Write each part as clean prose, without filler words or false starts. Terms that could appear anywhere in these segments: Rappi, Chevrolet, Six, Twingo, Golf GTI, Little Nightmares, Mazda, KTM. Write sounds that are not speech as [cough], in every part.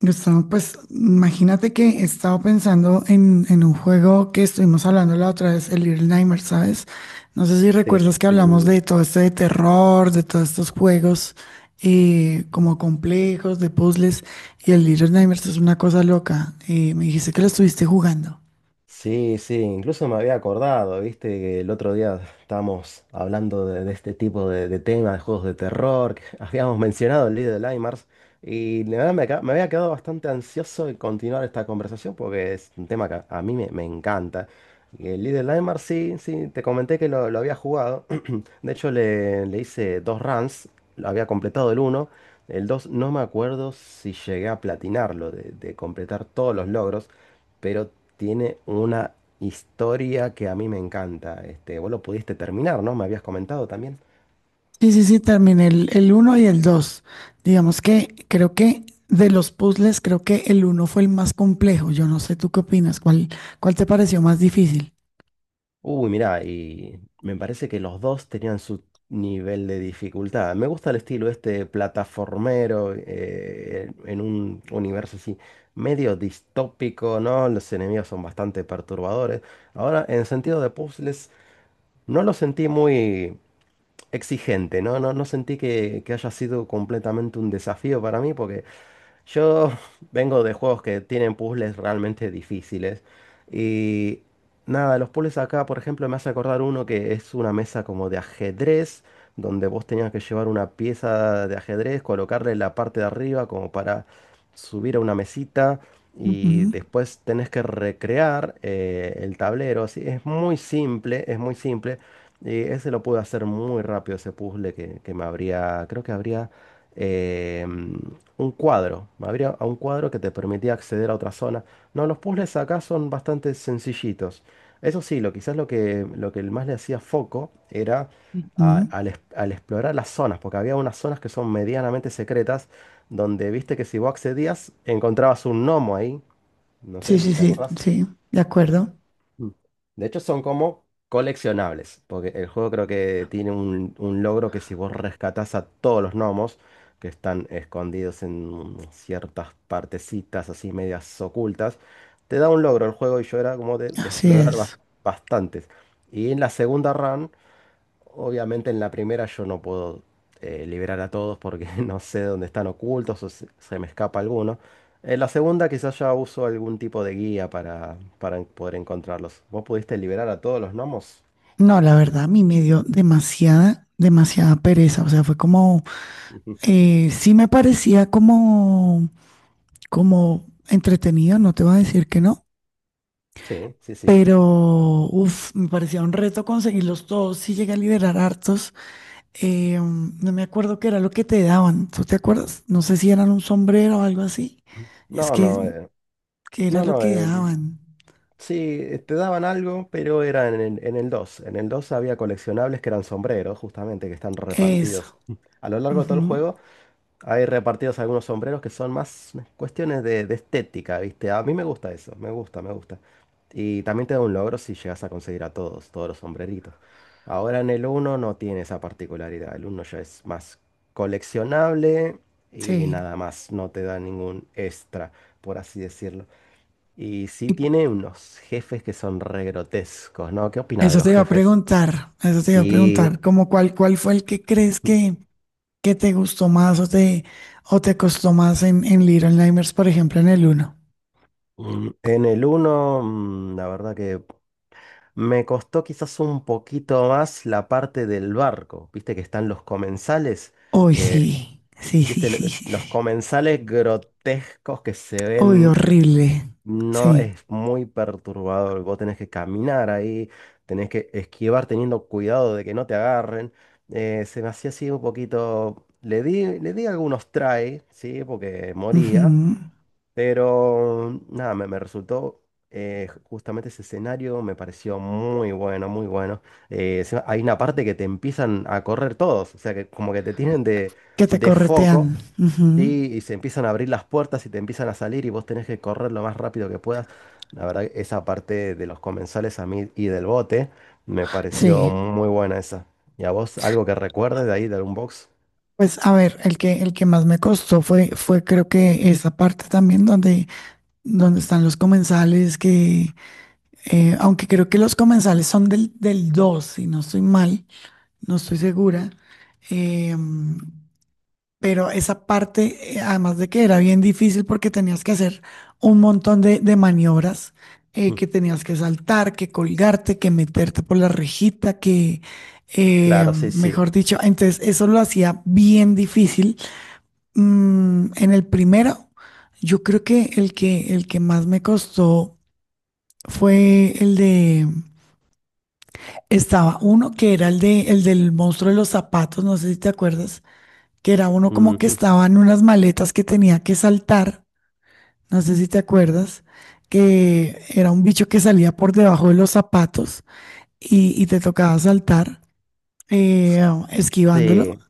Gustavo, pues imagínate que he estado pensando en un juego que estuvimos hablando la otra vez, el Little Nightmares, ¿sabes? No sé si recuerdas que Este, hablamos de todo esto de terror, de todos estos juegos como complejos, de puzzles, y el Little Nightmares es una cosa loca. Me dijiste que lo estuviste jugando. Sí, sí, incluso me había acordado, viste, que el otro día estábamos hablando de este tipo de temas, de juegos de terror, que [laughs] habíamos mencionado el Little Nightmares, y la verdad me había quedado bastante ansioso de continuar esta conversación porque es un tema que a mí me encanta. Y el Little Nightmares, sí, sí, te comenté que lo había jugado, [clears throat] de hecho le hice dos runs, lo había completado el uno, el dos no me acuerdo si llegué a platinarlo, de completar todos los logros, pero tiene una historia que a mí me encanta. Este, vos lo pudiste terminar, ¿no? Me habías comentado también. Sí, sí, sí, terminé el uno y el dos. Digamos que creo que de los puzzles, creo que el uno fue el más complejo. Yo no sé tú qué opinas, ¿cuál te pareció más difícil? Uy, mirá, y me parece que los dos tenían su nivel de dificultad. Me gusta el estilo este plataformero en un universo así medio distópico, ¿no? Los enemigos son bastante perturbadores. Ahora, en sentido de puzzles, no lo sentí muy exigente, ¿no? No, no sentí que haya sido completamente un desafío para mí porque... Yo [laughs] vengo de juegos que tienen puzzles realmente difíciles. Y nada, los puzzles acá, por ejemplo, me hace acordar uno que es una mesa como de ajedrez, donde vos tenías que llevar una pieza de ajedrez, colocarle la parte de arriba como para subir a una mesita. Y Ujú. después tenés que recrear el tablero. Así, es muy simple, es muy simple. Y ese lo pude hacer muy rápido, ese puzzle que me habría, creo que habría eh, un cuadro. Me abría a un cuadro que te permitía acceder a otra zona. No, los puzzles acá son bastante sencillitos. Eso sí, lo, quizás lo que más le hacía foco era Mm. Al explorar las zonas, porque había unas zonas que son medianamente secretas, donde viste que si vos accedías, encontrabas un gnomo ahí. No Sí, sé, sí, ¿te sí, acordás? sí, de acuerdo. Mm. De hecho, son como coleccionables, porque el juego creo que tiene un logro que si vos rescatás a todos los gnomos que están escondidos en ciertas partecitas así medias ocultas, te da un logro el juego y yo era como de Así explorar es. bastantes. Y en la segunda run... Obviamente en la primera yo no puedo liberar a todos porque [laughs] no sé dónde están ocultos o se me escapa alguno. En la segunda quizás ya uso algún tipo de guía para poder encontrarlos. ¿Vos pudiste liberar a todos los gnomos? No, la verdad, a mí me dio demasiada pereza. O sea, fue como, Ujú. [laughs] Sí me parecía como, como entretenido, no te voy a decir que no, Sí, sí, sí. pero, me parecía un reto conseguirlos todos. Sí llegué a liberar hartos. No me acuerdo qué era lo que te daban. ¿Tú te acuerdas? No sé si eran un sombrero o algo así. Es No, no, que era no, lo no. que daban. sí, te daban algo, pero era en el dos. En el 2 había coleccionables que eran sombreros, justamente, que están Eso, repartidos [laughs] a lo largo de todo el ujú. juego. Hay repartidos algunos sombreros que son más cuestiones de estética, ¿viste? A mí me gusta eso, me gusta, me gusta. Y también te da un logro si llegas a conseguir a todos, todos los sombreritos. Ahora en el uno no tiene esa particularidad, el uno ya es más coleccionable y Sí. nada más, no te da ningún extra, por así decirlo. Y sí tiene unos jefes que son re grotescos, ¿no? ¿Qué opinas de Eso los te iba a jefes? preguntar, eso te iba a Sí, preguntar, como cuál fue el que crees que te gustó más o te costó más en Little Nightmares, por ejemplo, ¿en el uno? mm, en el uno, la verdad que me costó quizás un poquito más la parte del barco. Viste que están los comensales, Uy, que, sí, sí, sí, viste, sí, sí, los sí. comensales grotescos que se Uy, ven, horrible. no Sí. es muy perturbador. Vos tenés que caminar ahí, tenés que esquivar teniendo cuidado de que no te agarren. Se me hacía así un poquito. Le di algunos try, ¿sí? Porque moría. Ujú. Pero nada, me resultó, justamente ese escenario, me pareció muy bueno, muy bueno. Encima hay una parte que te empiezan a correr todos, o sea que como que te tienen Que te de corretean. foco, Ujú. ¿sí? Y se empiezan a abrir las puertas y te empiezan a salir y vos tenés que correr lo más rápido que puedas. La verdad, que esa parte de los comensales a mí y del bote me pareció Sí. muy buena esa. ¿Y a vos algo que recuerdes de ahí, del box? Pues a ver, el que más me costó fue, fue creo que esa parte también donde, donde están los comensales, que aunque creo que los comensales son del 2, si no estoy mal, no estoy segura. Em, pero esa parte, además de que era bien difícil porque tenías que hacer un montón de maniobras, que tenías que saltar, que colgarte, que meterte por la rejita, que, Claro, sí, sí. mejor dicho, entonces eso lo hacía bien difícil. Mm, en el primero, yo creo que el que más me costó fue el de, estaba uno que era el de, el del monstruo de los zapatos, no sé si te acuerdas, que era uno como que Ujú. estaba en unas maletas que tenía que saltar, no sé si te acuerdas, que era un bicho que salía por debajo de los zapatos y te tocaba saltar eh, esquivándolo. Sí,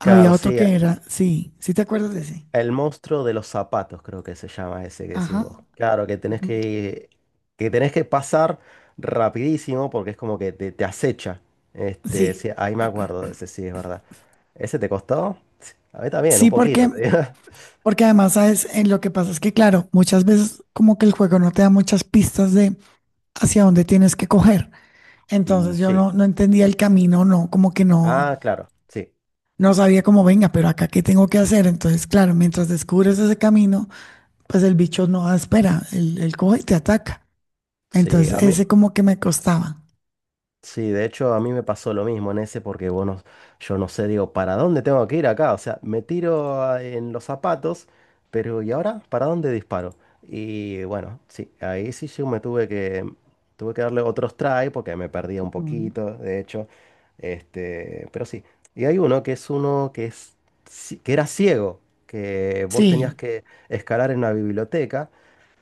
claro, otro sí. que era, sí, sí te acuerdas de ese. El monstruo de los zapatos, creo que se llama ese que decís Ajá, vos. Claro, ujú. Que tenés que pasar rapidísimo porque es como que te acecha. Este, sí, Sí, ahí me acuerdo de ese, sí, es verdad. ¿Ese te costó? Sí, a mí también, un sí, poquito, porque, te digo. [laughs] porque además, ¿sabes? Lo que pasa es que, claro, muchas veces como que el juego no te da muchas pistas de hacia dónde tienes que coger. Mm, Entonces yo sí. no, no entendía el camino, no, como que no. Ah, claro, sí. No sabía cómo, venga, pero acá qué tengo que hacer. Entonces, claro, mientras descubres ese camino, pues el bicho no da espera, él coge y te ataca. Sí, a Entonces, mí, ese como que me costaba. sí, de hecho a mí me pasó lo mismo en ese porque, bueno, yo no sé, digo, ¿para dónde tengo que ir acá? O sea, me tiro en los zapatos, pero ¿y ahora? ¿Para dónde disparo? Y bueno, sí, ahí sí yo me tuve que darle otros try porque me perdía un Ujú. poquito, de hecho. Este, pero sí. Y hay uno que es, que era ciego, que vos tenías Sí, que escalar en una biblioteca.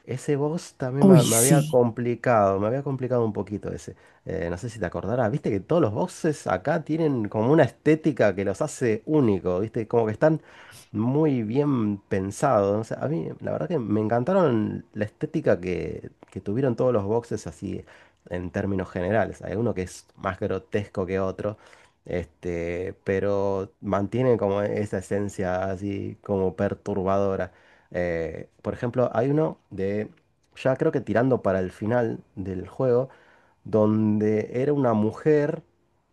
Ese boss también uy, sí. Me había complicado un poquito ese. No sé si te acordarás, viste que todos los bosses acá tienen como una estética que los hace únicos, viste, como que están muy bien pensados. No sé, a mí la verdad que me encantaron la estética que tuvieron todos los bosses así en términos generales. Hay uno que es más grotesco que otro, este, pero mantiene como esa esencia así como perturbadora. Por ejemplo, hay uno ya creo que tirando para el final del juego, donde era una mujer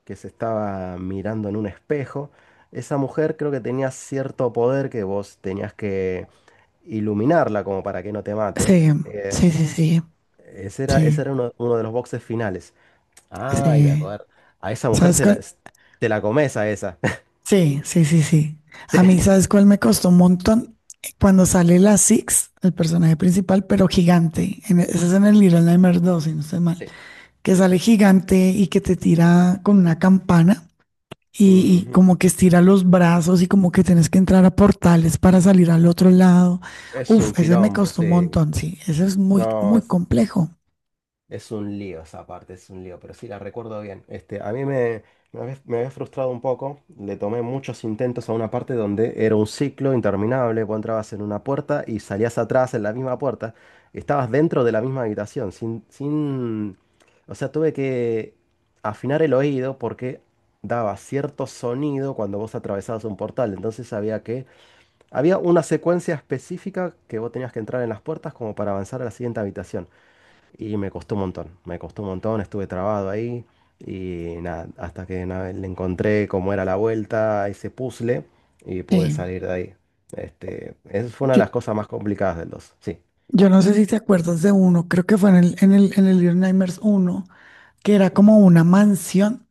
que se estaba mirando en un espejo. Esa mujer creo que tenía cierto poder que vos tenías que iluminarla como para que no te mate. Sí, Eh, sí, sí, sí, ese sí, era uno de los boxes finales. Ay, me sí. acuerdo. A esa mujer ¿Sabes cuál? te la comes a esa. [laughs] Sí, sí, sí, sí. Sí, A mí, ¿sabes cuál me costó un montón? Cuando sale la Six, el personaje principal, pero gigante. Ese es en el Little Nightmares dos, si no estoy mal. sí, Que sí. sale Sí. gigante y que te tira con una campana, y Ujú. como que estira los brazos y como que tienes que entrar a portales para salir al otro lado. Es un Uf, ese me quilombo, costó un sí. montón, sí, ese es muy, No, muy complejo. es un lío esa parte, es un lío, pero sí la recuerdo bien. Este, a mí me, me había frustrado un poco. Le tomé muchos intentos a una parte donde era un ciclo interminable. Vos entrabas en una puerta y salías atrás en la misma puerta. Estabas dentro de la misma habitación, sin... O sea, tuve que afinar el oído porque daba cierto sonido cuando vos atravesabas un portal. Entonces había que... Había una secuencia específica que vos tenías que entrar en las puertas como para avanzar a la siguiente habitación. Y me costó un montón, me costó un montón, estuve trabado ahí y nada, hasta que nada, le encontré cómo era la vuelta a ese puzzle y pude Sí, salir de ahí. Este, esa fue una de yo, las cosas más complicadas del dos, sí. yo no sé si te acuerdas de uno, creo que fue en en el Little Nightmares uno, que era como una mansión,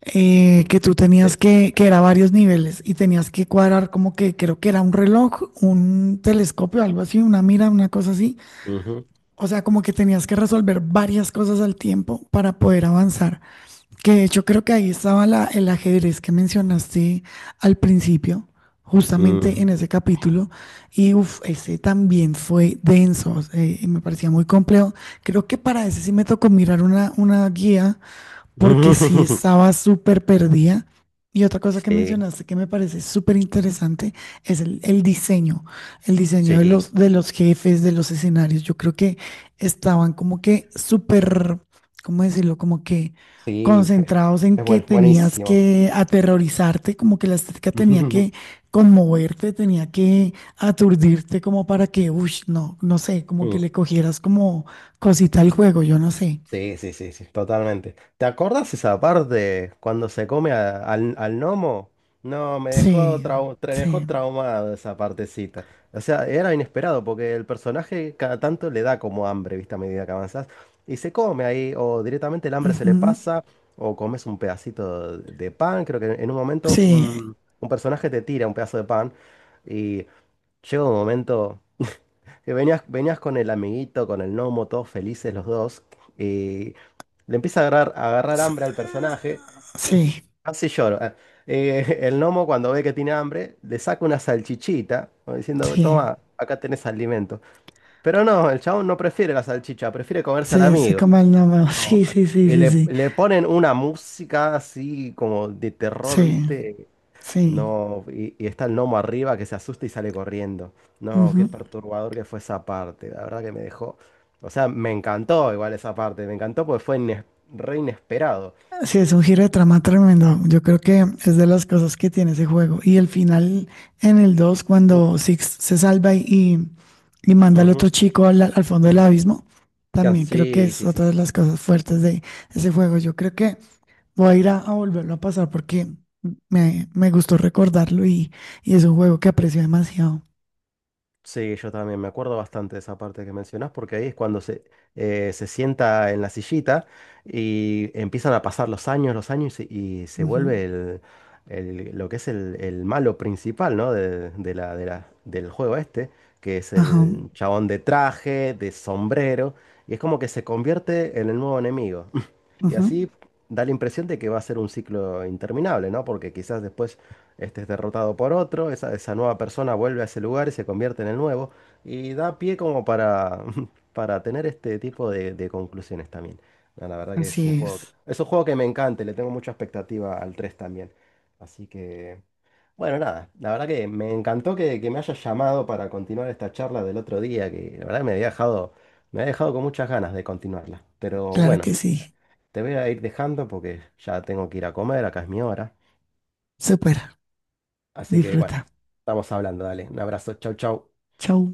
Mm, sí. Que era varios niveles y tenías que cuadrar como que creo que era un reloj, un telescopio, algo así, una mira, una cosa así. Mm, O sea, como que tenías que resolver varias cosas al tiempo para poder avanzar. Que de hecho creo que ahí estaba el ajedrez que mencionaste al principio, ujú, justamente ujú. en ese capítulo. Y uff, ese también fue denso, y me parecía muy complejo. Creo que para ese sí me tocó mirar una guía porque sí [laughs] estaba súper perdida. Y otra cosa que Sí, mencionaste que me parece súper interesante es el diseño sí, de los jefes, de los escenarios. Yo creo que estaban como que súper, ¿cómo decirlo? Como que sí, [laughs] concentrados en es que bueno, tenías buenísimo. que aterrorizarte, como que la estética tenía [laughs] que conmoverte, tenía que aturdirte como para que, uy, no, no sé, como que Mm. le cogieras como cosita al juego, yo no sé. Sí, sí, sí, sí, totalmente. ¿Te acordás esa parte cuando se come al gnomo? No, me dejó, Sí, me dejó sí. traumado esa partecita. O sea, era inesperado porque el personaje cada tanto le da como hambre, ¿viste? A medida que avanzás. Y se come ahí, o directamente el hambre se le Ujú. pasa, o comes un pedacito de pan. Creo que en un momento Sí, un personaje te tira un pedazo de pan y llega un momento. Que venías, venías con el amiguito, con el gnomo, todos felices los dos. Y le empieza a agarrar hambre al s- personaje. sí, Casi lloro. Ah. [laughs] El gnomo, cuando ve que tiene hambre, le saca una salchichita, como diciendo, sí, toma, acá tenés alimento. Pero no, el chabón no prefiere la salchicha, prefiere comerse al sí, sé amigo. como el nombre. [laughs] No, Sí, sí, sí, sí, sí, le ponen una música así como de terror, sí, ¿viste? sí. No, y está el gnomo arriba que se asusta y sale corriendo. No, Ujú. qué perturbador que fue esa parte. La verdad que me dejó. O sea, me encantó igual esa parte. Me encantó porque fue re inesperado. Sí, es un giro de trama tremendo. Yo creo que es de las cosas que tiene ese juego. Y el final en el 2, Uf. cuando Six se salva y manda al Ujú. otro chico al, al fondo del [clears throat] abismo, también creo que Sí, es sí, otra sí. de las cosas fuertes de ese juego. Yo creo que voy a ir a volverlo a pasar porque me gustó recordarlo y es un juego que aprecio demasiado. Sí, yo también me acuerdo bastante de esa parte que mencionás, porque ahí es cuando se sienta en la sillita y empiezan a pasar los años y y se Ujú. vuelve el- lo que es el malo principal, ¿no? Del juego este, que es Ajá, el chabón de traje, de sombrero, y es como que se convierte en el nuevo enemigo. [laughs] Y ajá. así da la impresión de que va a ser un ciclo interminable, ¿no? Porque quizás después este es derrotado por otro, esa nueva persona vuelve a ese lugar y se convierte en el nuevo. Y da pie como para [laughs] para tener este tipo de conclusiones también. No, la verdad Así es. es un juego que me encanta, y le tengo mucha expectativa al 3 también. Así que, bueno, nada, la verdad que me encantó que me hayas llamado para continuar esta charla del otro día, que la verdad me había dejado con muchas ganas de continuarla. Pero Claro bueno, que sí. te voy a ir dejando porque ya tengo que ir a comer, acá es mi hora. Supera. Así que bueno, Disfruta. estamos hablando, dale. Un abrazo, chau, chau. Chau.